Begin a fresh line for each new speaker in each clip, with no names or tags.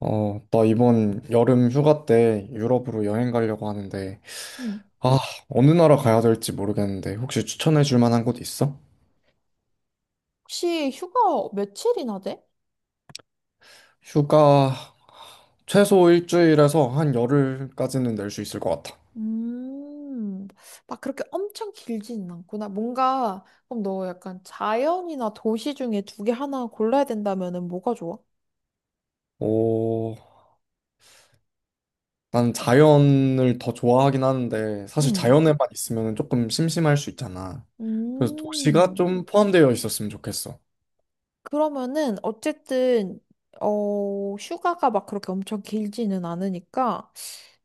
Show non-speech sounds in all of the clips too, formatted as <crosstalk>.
나 이번 여름 휴가 때 유럽으로 여행 가려고 하는데,
음.
아, 어느 나라 가야 될지 모르겠는데, 혹시 추천해 줄 만한 곳 있어?
혹시 휴가 며칠이나 돼?
휴가 최소 일주일에서 한 열흘까지는 낼 수 있을 것 같아.
음, 막 그렇게 엄청 길지는 않구나. 뭔가, 그럼 너 약간 자연이나 도시 중에 두 개 하나 골라야 된다면은 뭐가 좋아?
오, 난 자연을 더 좋아하긴 하는데, 사실
음,
자연에만 있으면 조금 심심할 수 있잖아. 그래서 도시가
음.
좀 포함되어 있었으면 좋겠어.
그러면은, 어쨌든, 휴가가 막 그렇게 엄청 길지는 않으니까,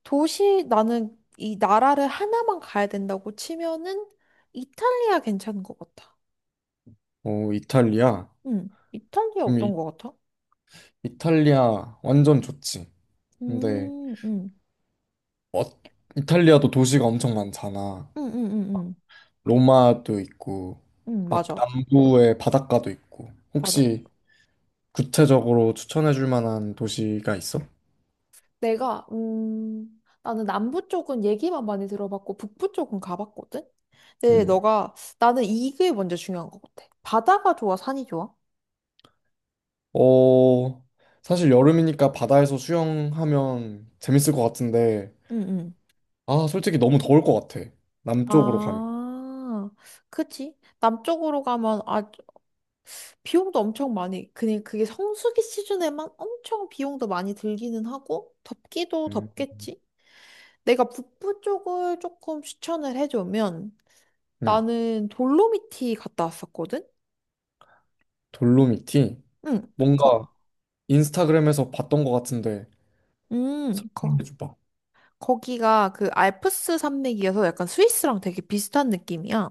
도시, 나는 이 나라를 하나만 가야 된다고 치면은, 이탈리아 괜찮은 것 같아.
오, 이탈리아?
이탈리아
그럼
어떤 것 같아?
이탈리아 완전 좋지. 근데
음, 음,
어, 이탈리아도 도시가 엄청 많잖아.
음, 음, 음,
로마도 있고, 막
맞아,
남부의 바닷가도 있고.
맞아.
혹시 구체적으로 추천해 줄 만한 도시가 있어?
나는 남부 쪽은 얘기만 많이 들어봤고, 북부 쪽은 가봤거든? 근데
음.
너가, 나는 이게 먼저 중요한 것 같아. 바다가 좋아, 산이 좋아?
어, 사실 여름이니까 바다에서 수영하면 재밌을 것 같은데,
응, 응.
아, 솔직히 너무 더울 것 같아. 남쪽으로 가면.
아, 그치. 남쪽으로 가면, 비용도 엄청 많이, 그냥 그게 성수기 시즌에만 엄청 비용도 많이 들기는 하고, 덥기도
음.
덥겠지? 내가 북부 쪽을 조금 추천을 해주면,
음.
나는 돌로미티 갔다 왔었거든?
돌로미티?
응, 거,
뭔가 인스타그램에서 봤던 것 같은데,
거.
설명해 줘봐.
거기가 그 알프스 산맥이어서 약간 스위스랑 되게 비슷한 느낌이야.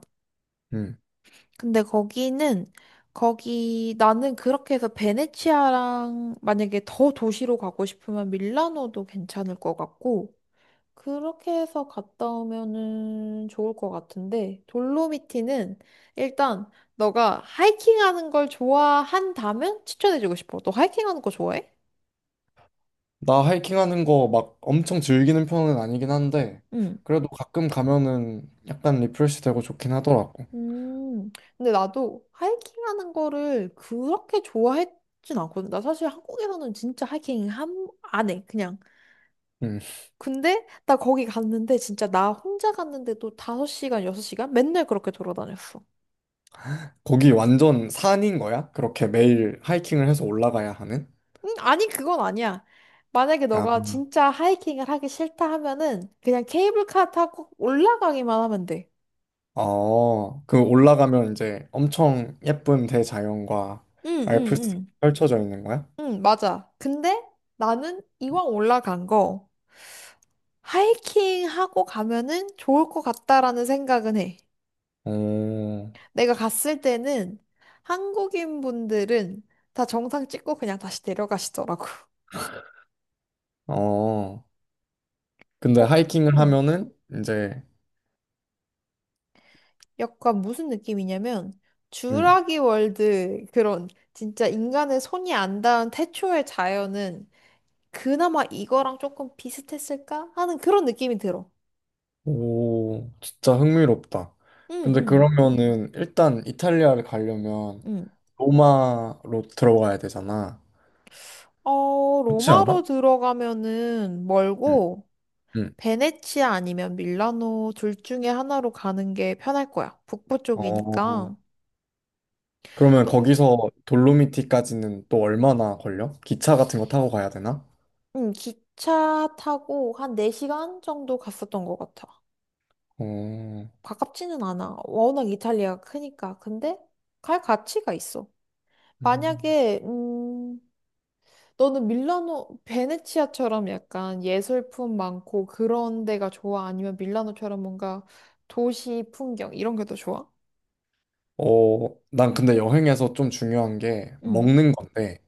근데 나는 그렇게 해서 베네치아랑 만약에 더 도시로 가고 싶으면 밀라노도 괜찮을 것 같고, 그렇게 해서 갔다 오면은 좋을 것 같은데, 돌로미티는 일단 너가 하이킹하는 걸 좋아한다면 추천해주고 싶어. 너 하이킹하는 거 좋아해?
나 하이킹하는 거 막 엄청 즐기는 편은 아니긴 한데
응.
그래도 가끔 가면은 약간 리프레시 되고 좋긴 하더라고.
음, 근데 나도 하이킹 하는 거를 그렇게 좋아했진 않거든. 나 사실 한국에서는 진짜 하이킹 안 해, 그냥.
음.
근데 나 거기 갔는데 진짜 나 혼자 갔는데도 5시간, 6시간 맨날 그렇게 돌아다녔어.
거기 완전 산인 거야? 그렇게 매일 하이킹을 해서 올라가야 하는?
아니, 그건 아니야. 만약에
아,
너가 진짜 하이킹을 하기 싫다 하면은 그냥 케이블카 타고 올라가기만 하면 돼.
그 올라가면 이제 엄청 예쁜 대자연과
응, 응,
알프스
응.
펼쳐져 있는 거야?
응, 맞아. 근데 나는 이왕 올라간 거 하이킹 하고 가면은 좋을 것 같다라는 생각은 해.
어,
내가 갔을 때는 한국인 분들은 다 정상 찍고 그냥 다시 내려가시더라고.
어. 근데
어,
하이킹을
응.
하면은 이제.
약간 무슨 느낌이냐면
음,
주라기 월드 그런 진짜 인간의 손이 안 닿은 태초의 자연은 그나마 이거랑 조금 비슷했을까 하는 그런 느낌이 들어.
오, 진짜 흥미롭다.
응,
근데
응,
그러면은 일단 이탈리아를 가려면
응.
로마로 들어가야 되잖아. 그렇지
로마로
않아?
들어가면은
응,
멀고
응.
베네치아 아니면 밀라노 둘 중에 하나로 가는 게 편할 거야. 북부 쪽이니까.
어, 그러면
또,
거기서 돌로미티까지는 또 얼마나 걸려? 기차 같은 거 타고 가야 되나?
기차 타고 한 4시간 정도 갔었던 것 같아.
어,
가깝지는 않아. 워낙 이탈리아가 크니까. 근데 갈 가치가 있어.
음.
만약에, 너는 밀라노, 베네치아처럼 약간 예술품 많고 그런 데가 좋아? 아니면 밀라노처럼 뭔가 도시 풍경 이런 게 더 좋아?
어, 난 근데 여행에서 좀 중요한 게
응.
먹는 건데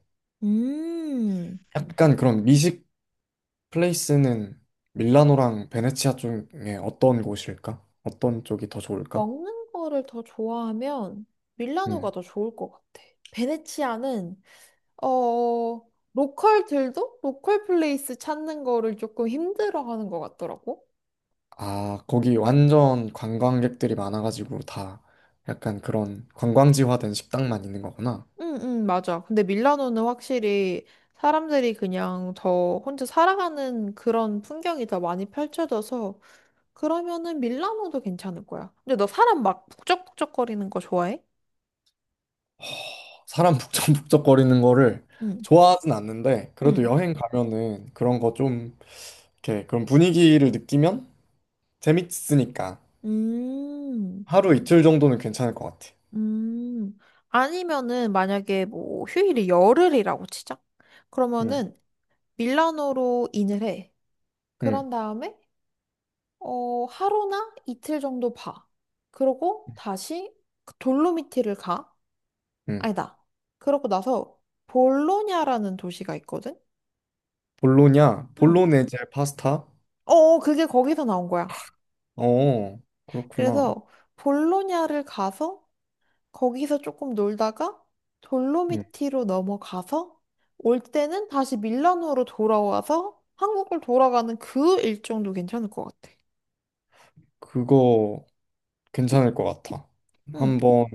음.
약간 그런 미식 플레이스는 밀라노랑 베네치아 쪽에 어떤 곳일까? 어떤 쪽이 더 좋을까?
먹는 거를 더 좋아하면
응.
밀라노가 더 좋을 것 같아. 베네치아는 어 로컬들도 로컬 플레이스 찾는 거를 조금 힘들어하는 것 같더라고.
아, 거기 완전 관광객들이 많아가지고 다 약간 그런 관광지화된 식당만 있는 거구나.
응, 응, 맞아. 근데 밀라노는 확실히 사람들이 그냥 더 혼자 살아가는 그런 풍경이 더 많이 펼쳐져서 그러면은 밀라노도 괜찮을 거야. 근데 너 사람 막 북적북적거리는 거 좋아해?
사람 북적북적거리는 거를
응,
좋아하진 않는데, 그래도
응.
여행 가면은 그런 거 좀, 이렇게 그런 분위기를 느끼면 재밌으니까
음.
하루 이틀 정도는 괜찮을 것 같아.
음, 아니면은 만약에 뭐 휴일이 열흘이라고 치자.
응,
그러면은 밀라노로 인을 해.
응,
그런 다음에 하루나 이틀 정도 봐. 그러고 다시 그 돌로미티를 가.
응.
아니다. 그러고 나서 볼로냐라는 도시가 있거든.
볼로냐?
응.
볼로네제 파스타?
그게 거기서 나온 거야.
어, 그렇구나.
그래서 볼로냐를 가서 거기서 조금 놀다가
응,
돌로미티로 넘어가서 올 때는 다시 밀라노로 돌아와서 한국을 돌아가는 그 일정도 괜찮을 것 같아.
그거 괜찮을 것 같아.
응,
한번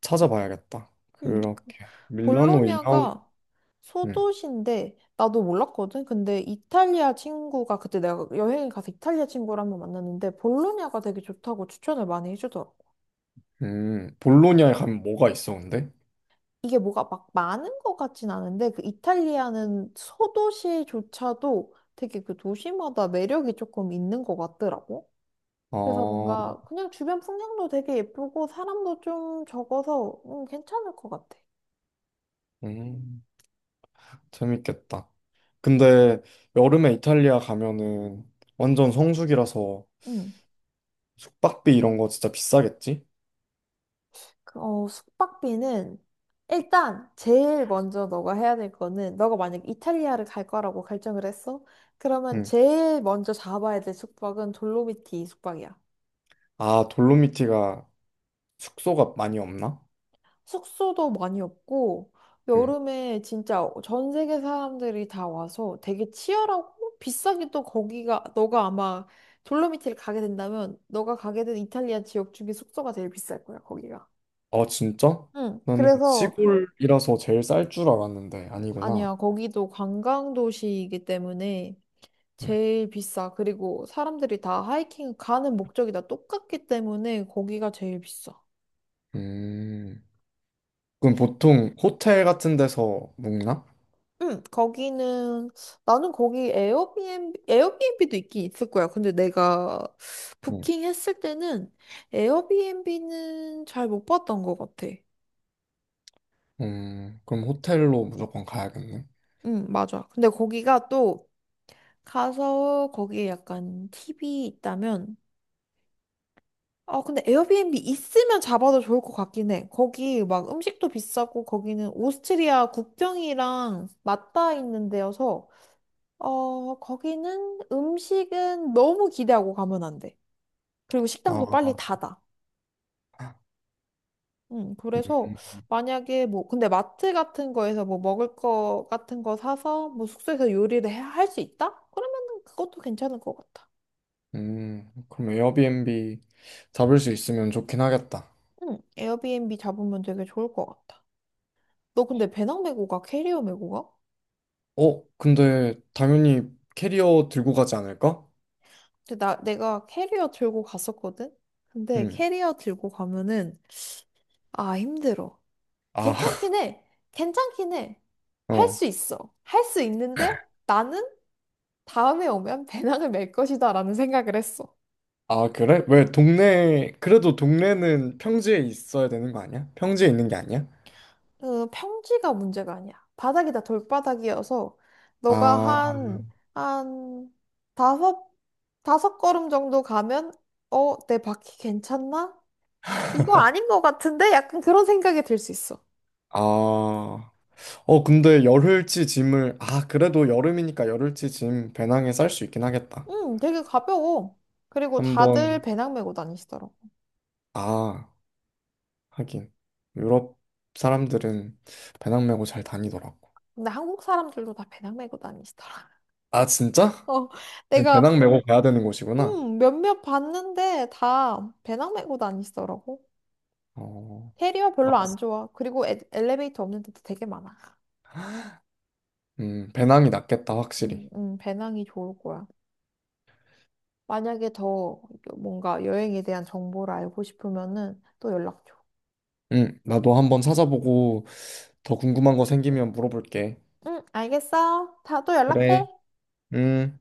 찾아봐야겠다.
응.
그렇게. 밀라노 인아웃.
볼로냐가
음.
소도시인데 나도 몰랐거든. 근데 이탈리아 친구가 그때 내가 여행을 가서 이탈리아 친구를 한 번 만났는데 볼로냐가 되게 좋다고 추천을 많이 해주더라고.
음. 볼로냐에 가면 뭐가 있어, 근데?
이게 뭐가 막 많은 것 같진 않은데 그 이탈리아는 소도시조차도 되게 그 도시마다 매력이 조금 있는 것 같더라고. 그래서
아,
뭔가 그냥 주변 풍경도 되게 예쁘고 사람도 좀 적어서 괜찮을 것 같아.
음. 재밌겠다. 근데 여름에 이탈리아 가면은 완전 성수기라서
음.
숙박비 이런 거 진짜 비싸겠지?
숙박비는 일단 제일 먼저 너가 해야 될 거는 너가 만약 이탈리아를 갈 거라고 결정을 했어? 그러면
응.
제일 먼저 잡아야 될 숙박은 돌로미티 숙박이야.
아, 돌로미티가 숙소가 많이 없나?
숙소도 많이 없고
응.
여름에 진짜 전 세계 사람들이 다 와서 되게 치열하고 비싸게 또 거기가 너가 아마 돌로미티를 가게 된다면 너가 가게 된 이탈리아 지역 중에 숙소가 제일 비쌀 거야 거기가.
아, 진짜?
응.
나는
그래서
시골이라서 제일 쌀 줄 알았는데 아니구나.
아니야 거기도 관광 도시이기 때문에
음.
제일 비싸. 그리고 사람들이 다 하이킹 가는 목적이 다 똑같기 때문에 거기가 제일 비싸.
음. 그럼 보통 호텔 같은 데서 묵나?
응, 거기는 나는 거기 에어비앤비도 있긴 있을 거야. 근데 내가
응.
부킹했을 때는 에어비앤비는 잘 못 봤던 것 같아.
그럼 호텔로 무조건 가야겠네.
응, 맞아. 근데 거기가 또 가서 거기에 약간 팁이 있다면 근데 에어비앤비 있으면 잡아도 좋을 것 같긴 해. 거기 막 음식도 비싸고 거기는 오스트리아 국경이랑 맞닿아 있는 데여서 거기는 음식은 너무 기대하고 가면 안 돼. 그리고 식당도 빨리
아,
닫아. 그래서
음,
만약에 뭐, 근데 마트 같은 거에서 뭐 먹을 거 같은 거 사서 뭐 숙소에서 요리를 할 수 있다? 그러면은 그것도 괜찮을 것 같아.
그럼 에어비앤비 잡을 수 있으면 좋긴 하겠다.
에어비앤비 잡으면 되게 좋을 것 같아. 너 근데 배낭 메고 가? 캐리어 메고 가?
근데 당연히 캐리어 들고 가지 않을까?
근데 내가 캐리어 들고 갔었거든? 근데
음,
캐리어 들고 가면은, 아, 힘들어.
아,
괜찮긴
<laughs>
해. 괜찮긴 해. 할
어,
수 있어. 할 수 있는데 나는 다음에 오면 배낭을 멜 것이다 라는 생각을 했어.
아, 그래? 왜 동네, 그래도 동네는 평지에 있어야 되는 거 아니야? 평지에 있는 게 아니야?
그 평지가 문제가 아니야. 바닥이 다 돌바닥이어서 너가
아,
한 다섯, 다섯 걸음 정도 가면 내 바퀴 괜찮나? 이거 아닌 것 같은데? 약간 그런 생각이 들 수 있어.
아, 근데 열흘치 짐을, 아, 그래도 여름이니까 열흘치 짐 배낭에 쌀 수 있긴 하겠다.
되게 가벼워. 그리고 다들
한번,
배낭 메고 다니시더라고.
아, 하긴 유럽 사람들은 배낭 메고 잘 다니더라고.
근데 한국 사람들도 다 배낭 메고 다니시더라. <laughs>
아 진짜?
어,
그럼
내가
배낭 메고 가야 되는 곳이구나.
몇몇 봤는데 다 배낭 메고 다니시더라고.
어,
테리어 별로 안
알았어.
좋아. 그리고 엘리베이터 없는 데도 되게 많아.
배낭이 낫겠다 확실히.
배낭이 좋을 거야. 만약에 더 뭔가 여행에 대한 정보를 알고 싶으면은 또 연락 줘.
나도 한번 찾아보고 더 궁금한 거 생기면 물어볼게.
응, 알겠어. 다 또 연락해.
그래. 음.